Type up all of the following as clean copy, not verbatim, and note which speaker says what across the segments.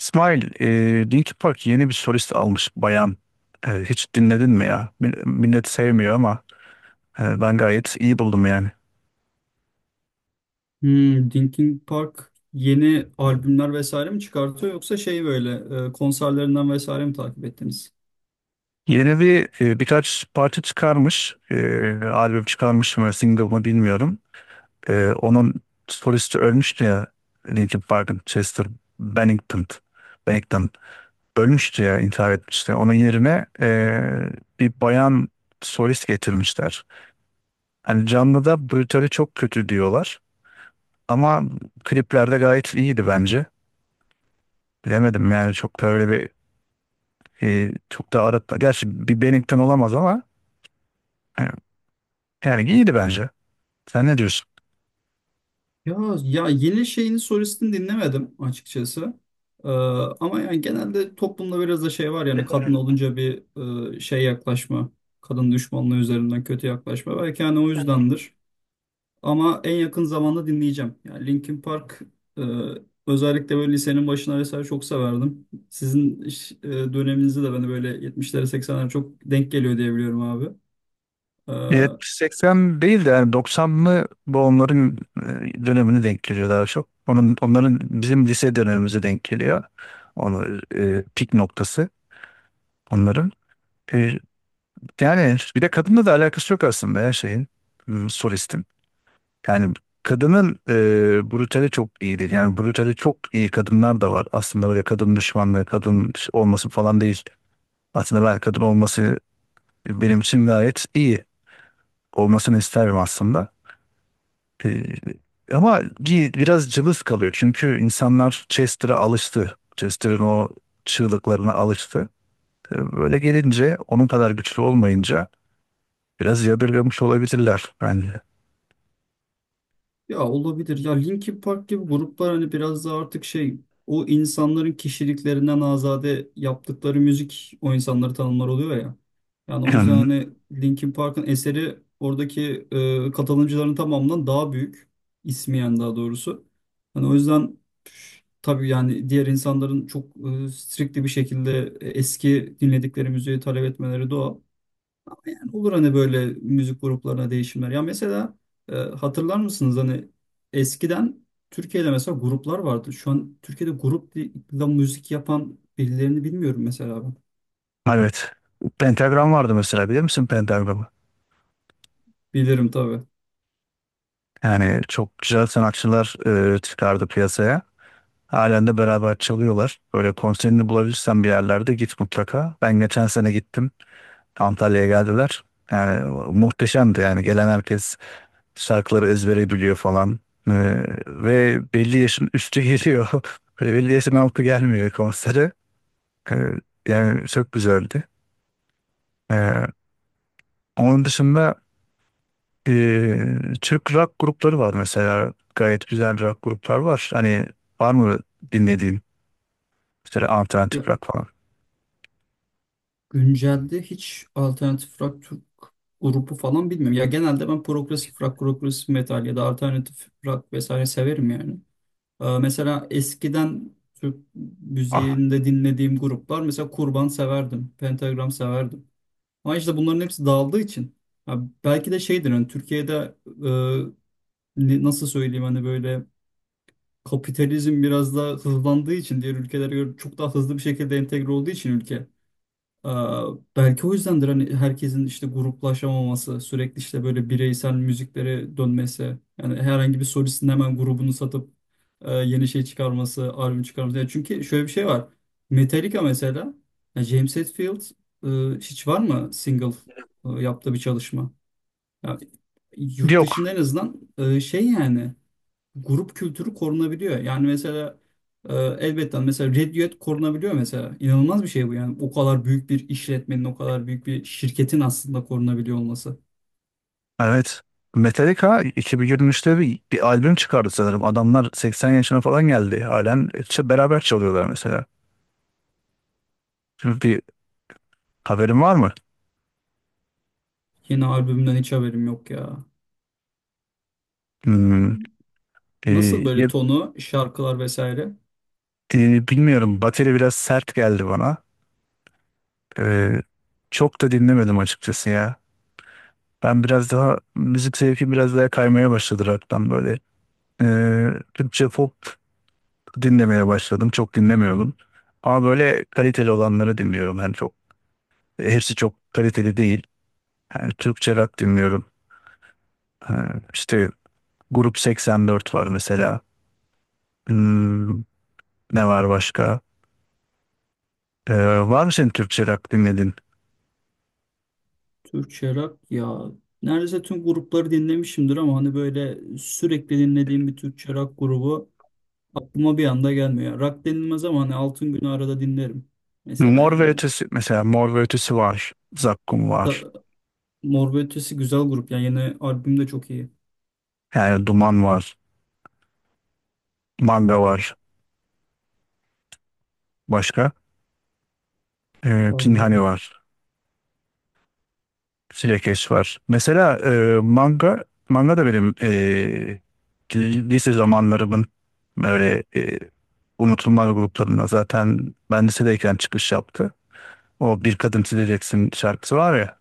Speaker 1: İsmail, Linkin Park yeni bir solist almış bayan. Hiç dinledin mi ya? Millet sevmiyor ama ben gayet iyi buldum yani.
Speaker 2: Hmm, Linkin Park yeni albümler vesaire mi çıkartıyor yoksa şey böyle konserlerinden vesaire mi takip ettiniz?
Speaker 1: Yeni bir birkaç parça çıkarmış, albüm çıkarmış mı, single mı bilmiyorum. Onun solisti ölmüştü ya, Linkin Park'ın Chester Bennington. Bennington ölmüştü ya, intihar etmişti. Onun yerine bir bayan solist getirmişler. Hani canlıda bu çok kötü diyorlar. Ama kliplerde gayet iyiydi bence. Bilemedim yani çok böyle bir çok da aratma. Gerçi bir Bennington olamaz ama e, yani iyiydi bence. Sen ne diyorsun?
Speaker 2: Ya ya yeni şeyini solistini dinlemedim açıkçası. Ee, Ama yani genelde toplumda biraz da şey var yani kadın olunca bir şey yaklaşma, kadın düşmanlığı üzerinden kötü yaklaşma. Belki yani o yüzdendir. Ama en yakın zamanda dinleyeceğim. Yani Linkin Park e, özellikle böyle lisenin başına vesaire çok severdim. Sizin döneminizde de bana böyle 70'lere 80'lere çok denk geliyor diye biliyorum abi. E,
Speaker 1: Evet, 80 değil de yani 90'lı bu onların dönemini denk geliyor daha çok. Onların bizim lise dönemimize denk geliyor. Onu pik noktası onların. E, Yani bir de kadınla da alakası yok aslında her şeyin. Hmm, solistin. Yani kadının brutali çok iyi. Yani brutali çok iyi kadınlar da var. Aslında böyle kadın düşmanlığı, kadın olması falan değil. Aslında ben kadın olması benim için gayet iyi. Olmasını isterim aslında. E, ama biraz cılız kalıyor. Çünkü insanlar Chester'a alıştı. Chester'ın o çığlıklarına alıştı. Böyle gelince onun kadar güçlü olmayınca biraz yadırgamış olabilirler bence.
Speaker 2: Ya olabilir. Ya Linkin Park gibi gruplar hani biraz da artık şey o insanların kişiliklerinden azade yaptıkları müzik o insanları tanımlar oluyor ya. Yani o yüzden hani Linkin Park'ın eseri oradaki katılımcıların tamamından daha büyük. İsmiyen daha doğrusu. Hani o yüzden püf, tabii yani diğer insanların çok strictly bir şekilde eski dinledikleri müziği talep etmeleri doğal. Olur hani böyle müzik gruplarına değişimler. Ya mesela hatırlar mısınız hani eskiden Türkiye'de mesela gruplar vardı. Şu an Türkiye'de grupla müzik yapan birilerini bilmiyorum mesela ben.
Speaker 1: Evet. Pentagram vardı mesela, bilir misin Pentagram'ı?
Speaker 2: Bilirim tabii.
Speaker 1: Yani çok güzel sanatçılar çıkardı piyasaya. Halen de beraber çalıyorlar. Böyle konserini bulabilirsen bir yerlerde git mutlaka. Ben geçen sene gittim. Antalya'ya geldiler. Yani muhteşemdi yani. Gelen herkes şarkıları ezbere biliyor falan. E, Ve belli yaşın üstü geliyor. Böyle belli yaşın altı gelmiyor konsere. E, Yani çok güzeldi. E, Onun dışında Ee, Türk rock grupları var mesela. Gayet güzel rock gruplar var. Hani var mı dinlediğin mesela alternatif
Speaker 2: Ya
Speaker 1: rock falan?
Speaker 2: güncelde hiç alternatif rock Türk grubu falan bilmiyorum. Ya genelde ben progresif rock, progresif metal ya da alternatif rock vesaire severim yani. Mesela eskiden Türk
Speaker 1: Ah,
Speaker 2: müziğinde dinlediğim gruplar mesela Kurban severdim, Pentagram severdim. Ama işte bunların hepsi dağıldığı için. Ya belki de şeydir hani Türkiye'de e, nasıl söyleyeyim hani böyle kapitalizm biraz daha hızlandığı için diğer ülkelere göre çok daha hızlı bir şekilde entegre olduğu için ülke. Ee, Belki o yüzdendir hani herkesin işte gruplaşamaması, sürekli işte böyle bireysel müziklere dönmesi. Yani herhangi bir solistin hemen grubunu satıp yeni şey çıkarması, albüm çıkarması. Yani çünkü şöyle bir şey var. Metallica mesela, yani James Hetfield hiç var mı single yaptığı bir çalışma? Yani yurt
Speaker 1: yok.
Speaker 2: dışında en azından şey yani grup kültürü korunabiliyor. Yani mesela elbette mesela Red Duet korunabiliyor mesela. İnanılmaz bir şey bu yani. O kadar büyük bir işletmenin, o kadar büyük bir şirketin aslında korunabiliyor olması.
Speaker 1: Evet. Metallica 2023'te bir albüm çıkardı sanırım. Adamlar 80 yaşına falan geldi. Halen işte beraber çalıyorlar mesela. Şimdi bir haberin var mı?
Speaker 2: Yeni albümden hiç haberim yok ya.
Speaker 1: Hmm,
Speaker 2: Nasıl
Speaker 1: e,
Speaker 2: böyle
Speaker 1: ya-
Speaker 2: tonu, şarkılar vesaire?
Speaker 1: bilmiyorum. Bateri biraz sert geldi bana. E, Çok da dinlemedim açıkçası ya. Ben biraz daha Müzik zevkim biraz daha kaymaya başladı rock'tan böyle. Türkçe pop dinlemeye başladım. Çok dinlemiyordum. Ama böyle kaliteli olanları dinliyorum. Yani çok, hepsi çok kaliteli değil. Yani Türkçe rock dinliyorum. Ee, işte Grup 84 var mesela. Hmm, ne var başka? Var mı senin Türkçe rock dinledin?
Speaker 2: Türkçe rock ya. Neredeyse tüm grupları dinlemişimdir ama hani böyle sürekli dinlediğim bir Türkçe rock grubu aklıma bir anda gelmiyor. Rock denilmez ama hani Altın Günü arada dinlerim. Mesela
Speaker 1: Mor ve
Speaker 2: yani.
Speaker 1: Ötesi, mesela Mor ve Ötesi var. Zakkum var.
Speaker 2: Mor ve Ötesi güzel grup. Yani yeni albüm de çok iyi.
Speaker 1: Yani Duman var. Manga var. Başka? Pinhani
Speaker 2: Vallahi.
Speaker 1: var. Sürekli var. Mesela manga da benim lise zamanlarımın böyle unutulmaz gruplarına zaten ben lisedeyken çıkış yaptı. O Bir Kadın Sileceksin şarkısı var ya,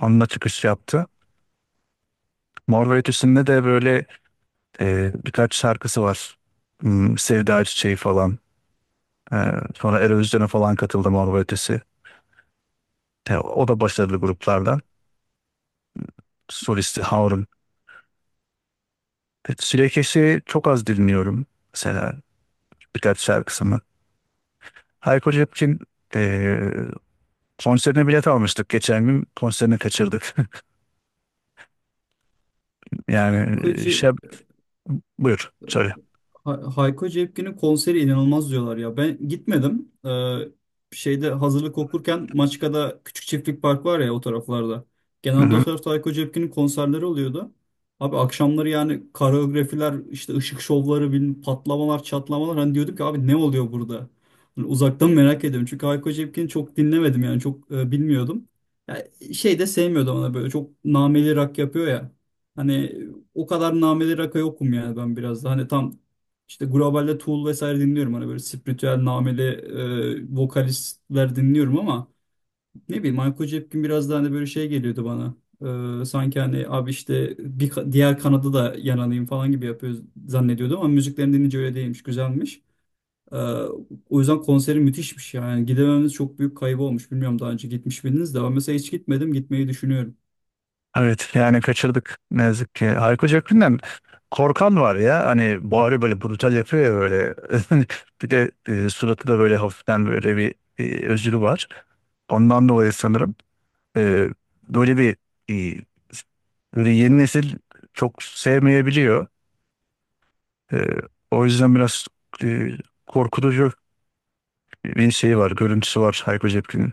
Speaker 1: onunla çıkış yaptı. Mor ve Ötesi'nde de böyle birkaç şarkısı var. Hmm, Sevda Çiçeği falan. E, Sonra Eurovision'a falan katıldı Mor ve Ötesi. O da başarılı gruplardan. Solisti Harun. Sürekli çok az dinliyorum. Mesela birkaç şarkısını. Hayko Cepkin eee konserine bilet almıştık. Geçen gün konserini kaçırdık. Yani şey,
Speaker 2: Yakıcı
Speaker 1: buyur söyle.
Speaker 2: Hayko Cepkin'in konseri inanılmaz diyorlar ya. Ben gitmedim. Şeyde hazırlık okurken Maçka'da Küçük Çiftlik Park var ya o taraflarda.
Speaker 1: Hı
Speaker 2: Genelde o
Speaker 1: hı.
Speaker 2: tarafta Hayko Cepkin'in konserleri oluyordu. Abi akşamları yani koreografiler, işte ışık şovları, bilmem, patlamalar, çatlamalar. Hani diyorduk ki abi ne oluyor burada? Hani uzaktan merak ediyorum. Çünkü Hayko Cepkin'i çok dinlemedim yani çok bilmiyordum. Ya, şey de sevmiyordum ona böyle çok nameli rock yapıyor ya. Hani o kadar nameli rock'a yokum yani ben biraz da. Hani tam işte globalde Tool vesaire dinliyorum. Hani böyle spiritüel nameli vokalistler dinliyorum ama ne bileyim Michael Jepkin biraz daha hani böyle şey geliyordu bana. Sanki hani abi işte diğer kanada da yananayım falan gibi yapıyor zannediyordum ama müziklerini dinleyince öyle değilmiş. Güzelmiş. E, O yüzden konseri müthişmiş yani. Gidemememiz çok büyük kaybı olmuş. Bilmiyorum daha önce gitmiş miydiniz de ben mesela hiç gitmedim. Gitmeyi düşünüyorum.
Speaker 1: Evet yani kaçırdık ne yazık ki. Hayko Cepkin'den korkan var ya, hani bağırıyor böyle, brutal yapıyor ya böyle. Bir de suratı da böyle hafiften böyle bir özürü var. Ondan dolayı sanırım e, böyle bir e, böyle yeni nesil çok sevmeyebiliyor. Ee, O yüzden biraz e, korkutucu bir şey var, görüntüsü var Hayko Cepkin'in.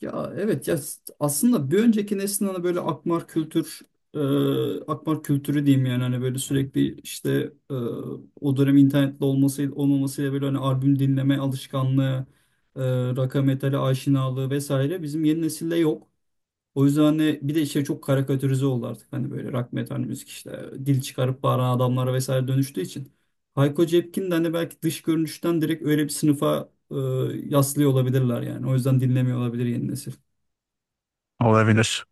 Speaker 2: Ya evet ya aslında bir önceki neslin hani böyle akmar kültür e, akmar kültürü diyeyim yani hani böyle sürekli işte e, o dönem internetli olması olmamasıyla böyle hani albüm dinleme alışkanlığı e, rock'a metale aşinalığı vesaire bizim yeni nesilde yok. O yüzden hani bir de işte çok karikatürize oldu artık hani böyle rock metal müzik işte dil çıkarıp bağıran adamlara vesaire dönüştüğü için. Hayko Cepkin de hani belki dış görünüşten direkt öyle bir sınıfa yaslıyor olabilirler yani. O yüzden dinlemiyor olabilir yeni nesil.
Speaker 1: Olabilir.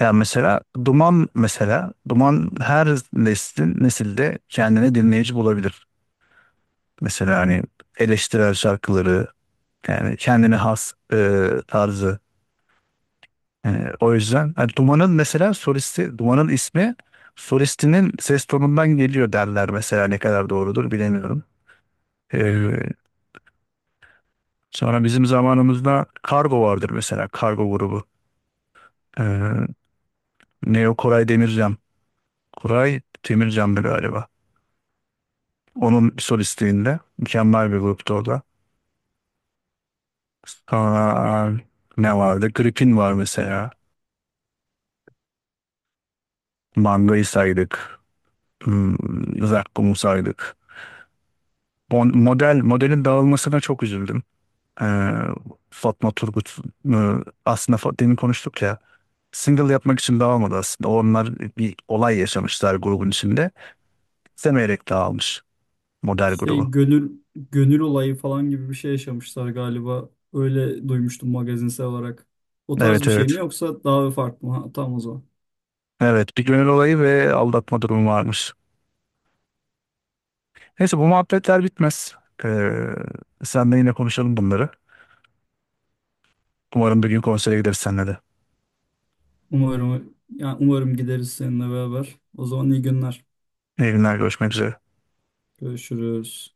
Speaker 1: Ya mesela Duman, mesela Duman her nesilde kendine dinleyici bulabilir. Mesela hani eleştirel şarkıları, yani kendine has tarzı. Yani o yüzden hani Duman'ın mesela solisti, Duman'ın ismi solistinin ses tonundan geliyor derler mesela, ne kadar doğrudur bilemiyorum. Ee, Sonra bizim zamanımızda Kargo vardır, mesela Kargo grubu. Ee, Neo Koray Demircan. Koray Demircan'dı galiba. Onun solistliğinde mükemmel bir gruptu o da. Aa, ne vardı? Gripin var mesela. Manga'yı saydık. Hmm, Zakkum'u saydık. Model, modelin dağılmasına çok üzüldüm. Ee, Fatma Turgut e, demin konuştuk ya, single yapmak için dağılmadı aslında. Onlar bir olay yaşamışlar grubun içinde. İstemeyerek dağılmış model
Speaker 2: Şey
Speaker 1: grubu.
Speaker 2: gönül gönül olayı falan gibi bir şey yaşamışlar galiba. Öyle duymuştum magazinsel olarak. O tarz
Speaker 1: Evet,
Speaker 2: bir
Speaker 1: evet.
Speaker 2: şey mi yoksa daha farklı mı? Ha, tamam o zaman.
Speaker 1: Evet, bir gönül olayı ve aldatma durumu varmış. Neyse bu muhabbetler bitmez. Ee, Senle yine konuşalım bunları. Umarım bir gün konsere gideriz seninle de.
Speaker 2: Umarım yani umarım gideriz seninle beraber. O zaman iyi günler.
Speaker 1: İyi günler, görüşmek üzere.
Speaker 2: Görüşürüz.